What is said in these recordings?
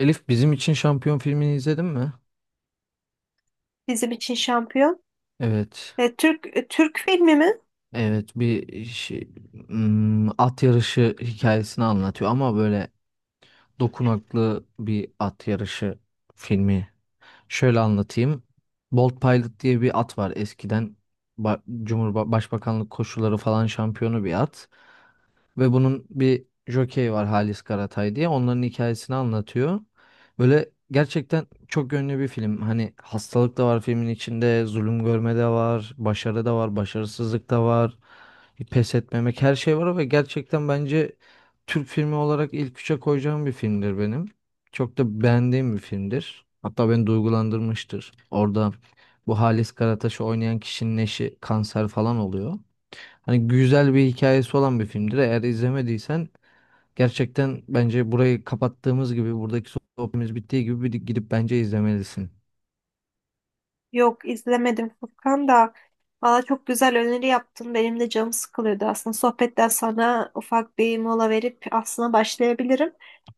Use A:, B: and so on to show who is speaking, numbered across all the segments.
A: Elif bizim için şampiyon filmini izledin mi?
B: Bizim için şampiyon.
A: Evet.
B: Türk filmi mi?
A: Evet bir şey, at yarışı hikayesini anlatıyor ama böyle dokunaklı bir at yarışı filmi. Şöyle anlatayım. Bolt Pilot diye bir at var eskiden. Ba Cumhurba Başbakanlık koşuları falan şampiyonu bir at. Ve bunun bir jokeyi var Halis Karatay diye. Onların hikayesini anlatıyor. Böyle gerçekten çok yönlü bir film. Hani hastalık da var filmin içinde, zulüm görme de var, başarı da var, başarısızlık da var, pes etmemek her şey var ve gerçekten bence Türk filmi olarak ilk üçe koyacağım bir filmdir benim. Çok da beğendiğim bir filmdir. Hatta beni duygulandırmıştır. Orada bu Halis Karataş'ı oynayan kişinin eşi kanser falan oluyor. Hani güzel bir hikayesi olan bir filmdir. Eğer izlemediysen gerçekten bence burayı kapattığımız gibi buradaki sohbetimiz bittiği gibi bir gidip bence izlemelisin.
B: Yok izlemedim Furkan da. Valla çok güzel öneri yaptın. Benim de canım sıkılıyordu aslında. Sohbetten sonra ufak bir mola verip aslında başlayabilirim.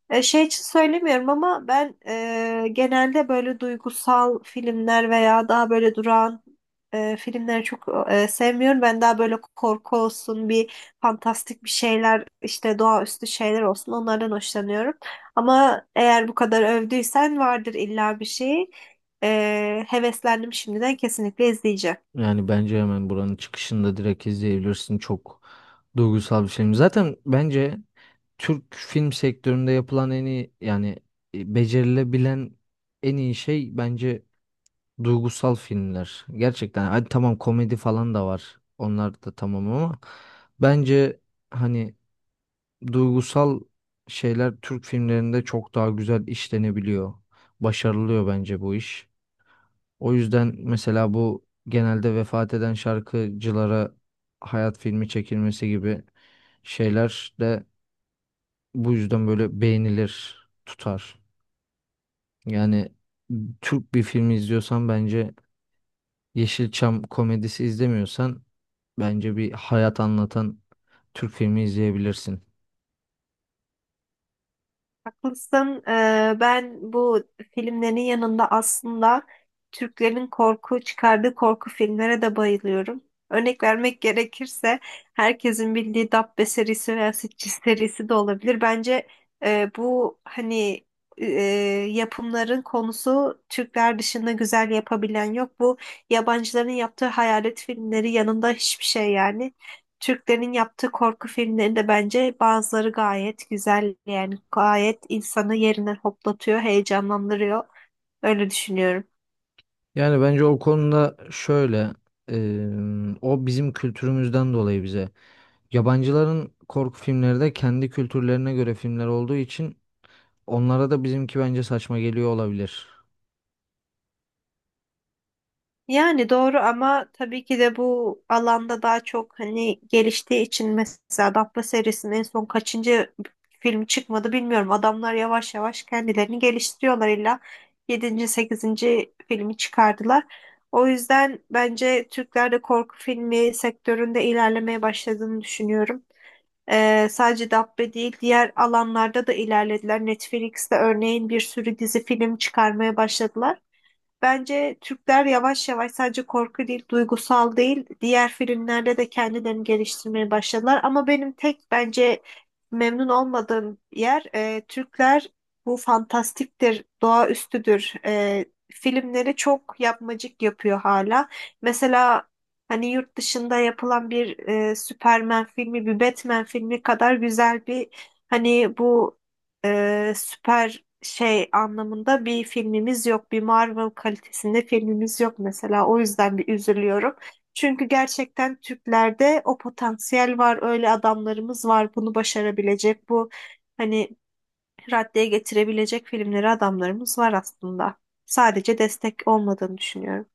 B: Şey için söylemiyorum ama ben genelde böyle duygusal filmler veya daha böyle durağan filmleri çok sevmiyorum. Ben daha böyle korku olsun, bir fantastik bir şeyler, işte doğaüstü şeyler olsun onlardan hoşlanıyorum. Ama eğer bu kadar övdüysen vardır illa bir şey. Heveslendim şimdiden, kesinlikle izleyeceğim.
A: Yani bence hemen buranın çıkışında direkt izleyebilirsin. Çok duygusal bir film. Zaten bence Türk film sektöründe yapılan en iyi yani becerilebilen en iyi şey bence duygusal filmler. Gerçekten hadi tamam komedi falan da var. Onlar da tamam ama bence hani duygusal şeyler Türk filmlerinde çok daha güzel işlenebiliyor. Başarılıyor bence bu iş. O yüzden mesela bu genelde vefat eden şarkıcılara hayat filmi çekilmesi gibi şeyler de bu yüzden böyle beğenilir, tutar. Yani Türk bir filmi izliyorsan bence Yeşilçam komedisi izlemiyorsan bence bir hayat anlatan Türk filmi izleyebilirsin.
B: Haklısın. Ben bu filmlerin yanında aslında Türklerin korku çıkardığı korku filmlere de bayılıyorum. Örnek vermek gerekirse herkesin bildiği Dabbe serisi veya Sitges serisi de olabilir. Bence e, bu hani e, yapımların konusu Türkler dışında güzel yapabilen yok. Bu yabancıların yaptığı hayalet filmleri yanında hiçbir şey yani. Türklerin yaptığı korku filmlerinde bence bazıları gayet güzel, yani gayet insanı yerinden hoplatıyor, heyecanlandırıyor. Öyle düşünüyorum.
A: Yani bence o konuda şöyle, eee, o bizim kültürümüzden dolayı bize. Yabancıların korku filmleri de kendi kültürlerine göre filmler olduğu için onlara da bizimki bence saçma geliyor olabilir.
B: Yani doğru ama tabii ki de bu alanda daha çok hani geliştiği için, mesela Dabbe serisinin en son kaçıncı film çıkmadı bilmiyorum. Adamlar yavaş yavaş kendilerini geliştiriyorlar, illa yedinci sekizinci filmi çıkardılar. O yüzden bence Türklerde korku filmi sektöründe ilerlemeye başladığını düşünüyorum. Sadece Dabbe değil, diğer alanlarda da ilerlediler. Netflix'te örneğin bir sürü dizi film çıkarmaya başladılar. Bence Türkler yavaş yavaş sadece korku değil, duygusal değil, diğer filmlerde de kendilerini geliştirmeye başladılar. Ama benim tek bence memnun olmadığım yer, Türkler bu fantastiktir, doğaüstüdür filmleri çok yapmacık yapıyor hala. Mesela hani yurt dışında yapılan bir Superman filmi, bir Batman filmi kadar güzel bir hani bu süper şey anlamında bir filmimiz yok. Bir Marvel kalitesinde filmimiz yok mesela. O yüzden bir üzülüyorum. Çünkü gerçekten Türklerde o potansiyel var. Öyle adamlarımız var. Bunu başarabilecek, bu hani raddeye getirebilecek filmleri adamlarımız var aslında. Sadece destek olmadığını düşünüyorum.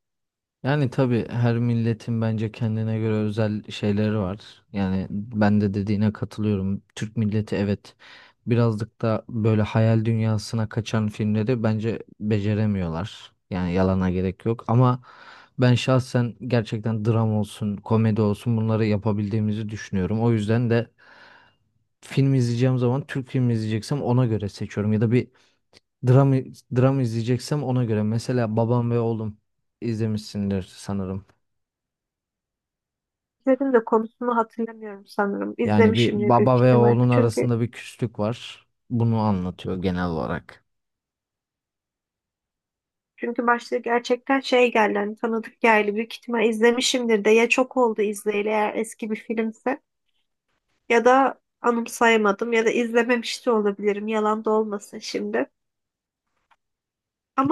A: Yani tabii her milletin bence kendine göre özel şeyleri var. Yani ben de dediğine katılıyorum. Türk milleti evet birazcık da böyle hayal dünyasına kaçan filmleri bence beceremiyorlar. Yani yalana gerek yok ama ben şahsen gerçekten dram olsun, komedi olsun bunları yapabildiğimizi düşünüyorum. O yüzden de film izleyeceğim zaman Türk filmi izleyeceksem ona göre seçiyorum ya da bir dram dram izleyeceksem ona göre. Mesela Babam ve Oğlum izlemişsindir sanırım.
B: İzledim de konusunu hatırlamıyorum sanırım.
A: Yani bir
B: İzlemişimdir büyük
A: baba ve
B: ihtimal.
A: oğlun
B: Çünkü
A: arasında bir küslük var. Bunu anlatıyor genel olarak.
B: çünkü başta gerçekten şey geldi, hani tanıdık geldi, büyük ihtimal izlemişimdir de ya, çok oldu izleyeli, eğer eski bir filmse. Ya da anımsayamadım, ya da izlememiş de olabilirim. Yalan da olmasın şimdi.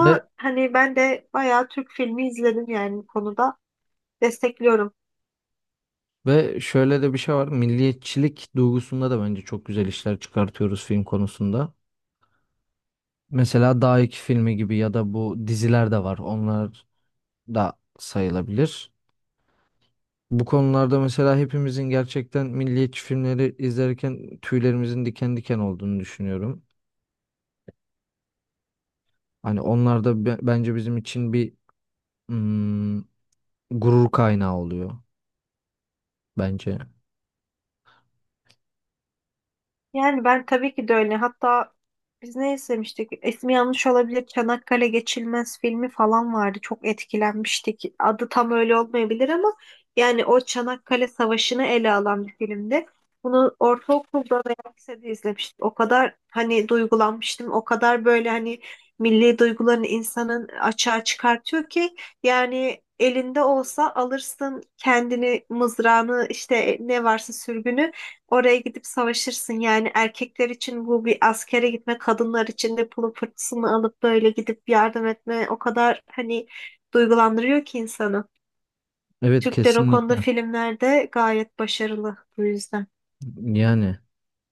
A: Ve,
B: hani ben de bayağı Türk filmi izledim yani bu konuda. Destekliyorum.
A: ve şöyle de bir şey var. Milliyetçilik duygusunda da bence çok güzel işler çıkartıyoruz film konusunda. Mesela Dağ 2 filmi gibi ya da bu diziler de var. Onlar da sayılabilir. Bu konularda mesela hepimizin gerçekten milliyetçi filmleri izlerken tüylerimizin diken diken olduğunu düşünüyorum. Hani onlar da bence bizim için bir mm, gurur kaynağı oluyor bence.
B: Yani ben tabii ki de öyle. Hatta biz ne izlemiştik? İsmi yanlış olabilir. Çanakkale Geçilmez filmi falan vardı. Çok etkilenmiştik. Adı tam öyle olmayabilir ama yani o Çanakkale Savaşı'nı ele alan bir filmdi. Bunu ortaokulda veya lisede izlemiştim. O kadar hani duygulanmıştım. O kadar böyle hani milli duygularını insanın açığa çıkartıyor ki, yani elinde olsa alırsın kendini, mızrağını, işte ne varsa sürgünü, oraya gidip savaşırsın. Yani erkekler için bu bir askere gitme, kadınlar için de pulu fırtısını alıp böyle gidip yardım etme, o kadar hani duygulandırıyor ki insanı.
A: Evet
B: Türkler o konuda
A: kesinlikle.
B: filmlerde gayet başarılı bu yüzden.
A: Yani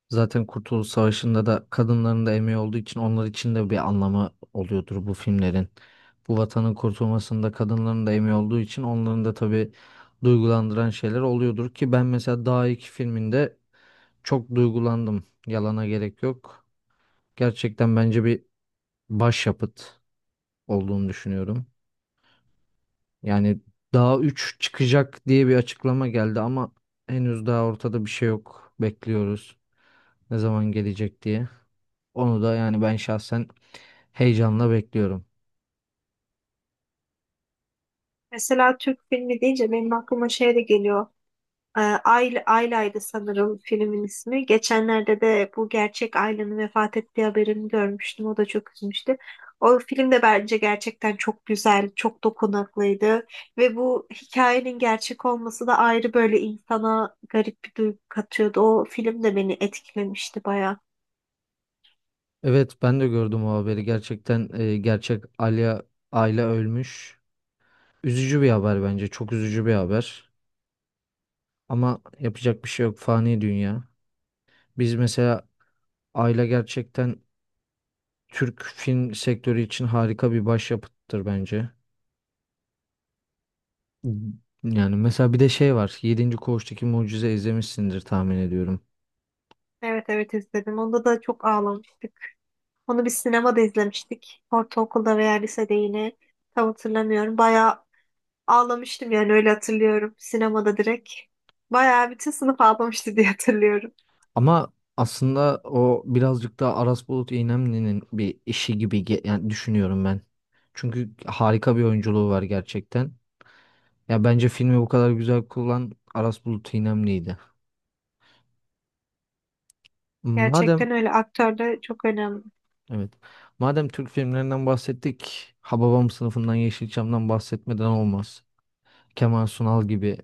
A: zaten Kurtuluş Savaşı'nda da kadınların da emeği olduğu için onlar için de bir anlamı oluyordur bu filmlerin. Bu vatanın kurtulmasında kadınların da emeği olduğu için onların da tabii duygulandıran şeyler oluyordur ki ben mesela Dağ iki filminde çok duygulandım. Yalana gerek yok. Gerçekten bence bir başyapıt olduğunu düşünüyorum. Yani daha 3 çıkacak diye bir açıklama geldi ama henüz daha ortada bir şey yok. Bekliyoruz ne zaman gelecek diye. Onu da yani ben şahsen heyecanla bekliyorum.
B: Mesela Türk filmi deyince benim aklıma şey de geliyor. Ayla'ydı sanırım filmin ismi. Geçenlerde de bu gerçek Ayla'nın vefat ettiği haberini görmüştüm. O da çok üzmüştü. O film de bence gerçekten çok güzel, çok dokunaklıydı. Ve bu hikayenin gerçek olması da ayrı, böyle insana garip bir duygu katıyordu. O film de beni etkilemişti baya.
A: Evet ben de gördüm o haberi. Gerçekten gerçek Ayla ölmüş. Üzücü bir haber bence. Çok üzücü bir haber. Ama yapacak bir şey yok. Fani dünya. Biz mesela Ayla gerçekten Türk film sektörü için harika bir başyapıttır bence. Yani mesela bir de şey var. Yedinci Koğuştaki Mucize izlemişsindir tahmin ediyorum.
B: Evet, evet, izledim. Onda da çok ağlamıştık. Onu bir sinemada izlemiştik. Ortaokulda veya lisede yine. Tam hatırlamıyorum. Bayağı ağlamıştım, yani öyle hatırlıyorum. Sinemada direkt. Bayağı bütün sınıf ağlamıştı diye hatırlıyorum.
A: Ama aslında o birazcık daha Aras Bulut İynemli'nin bir işi gibi yani düşünüyorum ben. Çünkü harika bir oyunculuğu var gerçekten. Ya bence filmi bu kadar güzel kullanan Aras Bulut İynemli'ydi. Madem
B: Gerçekten öyle, aktör de çok önemli.
A: evet. Madem Türk filmlerinden bahsettik, Hababam sınıfından Yeşilçam'dan bahsetmeden olmaz. Kemal Sunal gibi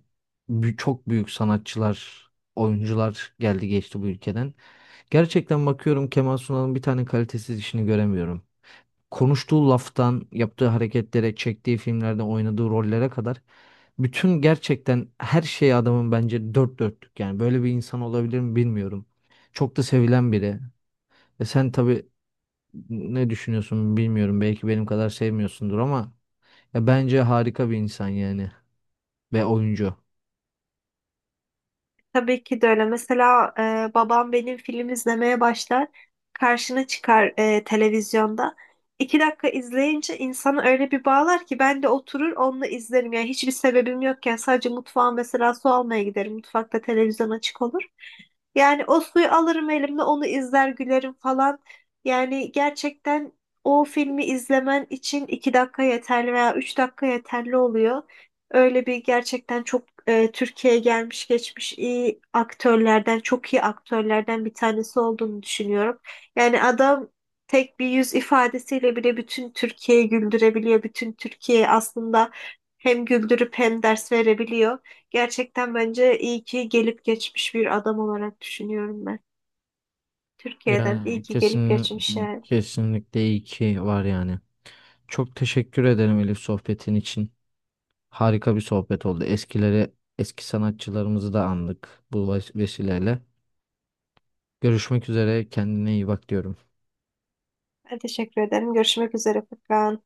A: çok büyük sanatçılar, oyuncular geldi geçti bu ülkeden. Gerçekten bakıyorum Kemal Sunal'ın bir tane kalitesiz işini göremiyorum. Konuştuğu laftan, yaptığı hareketlere, çektiği filmlerde oynadığı rollere kadar bütün gerçekten her şey adamın bence dört dörtlük. Yani böyle bir insan olabilir mi bilmiyorum. Çok da sevilen biri. E sen tabii ne düşünüyorsun bilmiyorum. Belki benim kadar sevmiyorsundur ama ya bence harika bir insan yani ve oyuncu.
B: Tabii ki de öyle. Mesela babam benim film izlemeye başlar. Karşına çıkar televizyonda. 2 dakika izleyince insanı öyle bir bağlar ki ben de oturur onunla izlerim. Yani hiçbir sebebim yokken sadece mutfağa mesela su almaya giderim. Mutfakta televizyon açık olur. Yani o suyu alırım elimle, onu izler gülerim falan. Yani gerçekten o filmi izlemen için 2 dakika yeterli veya 3 dakika yeterli oluyor. Öyle bir gerçekten çok Türkiye'ye gelmiş geçmiş iyi aktörlerden, çok iyi aktörlerden bir tanesi olduğunu düşünüyorum. Yani adam tek bir yüz ifadesiyle bile bütün Türkiye'yi güldürebiliyor. Bütün Türkiye'yi aslında hem güldürüp hem ders verebiliyor. Gerçekten bence iyi ki gelip geçmiş bir adam olarak düşünüyorum ben. Türkiye'den iyi
A: Yani
B: ki gelip geçmiş yani.
A: kesinlikle iyi ki var yani. Çok teşekkür ederim Elif sohbetin için. Harika bir sohbet oldu. Eskileri, eski sanatçılarımızı da andık bu vesileyle. Görüşmek üzere. Kendine iyi bak diyorum.
B: Ben teşekkür ederim. Görüşmek üzere Furkan.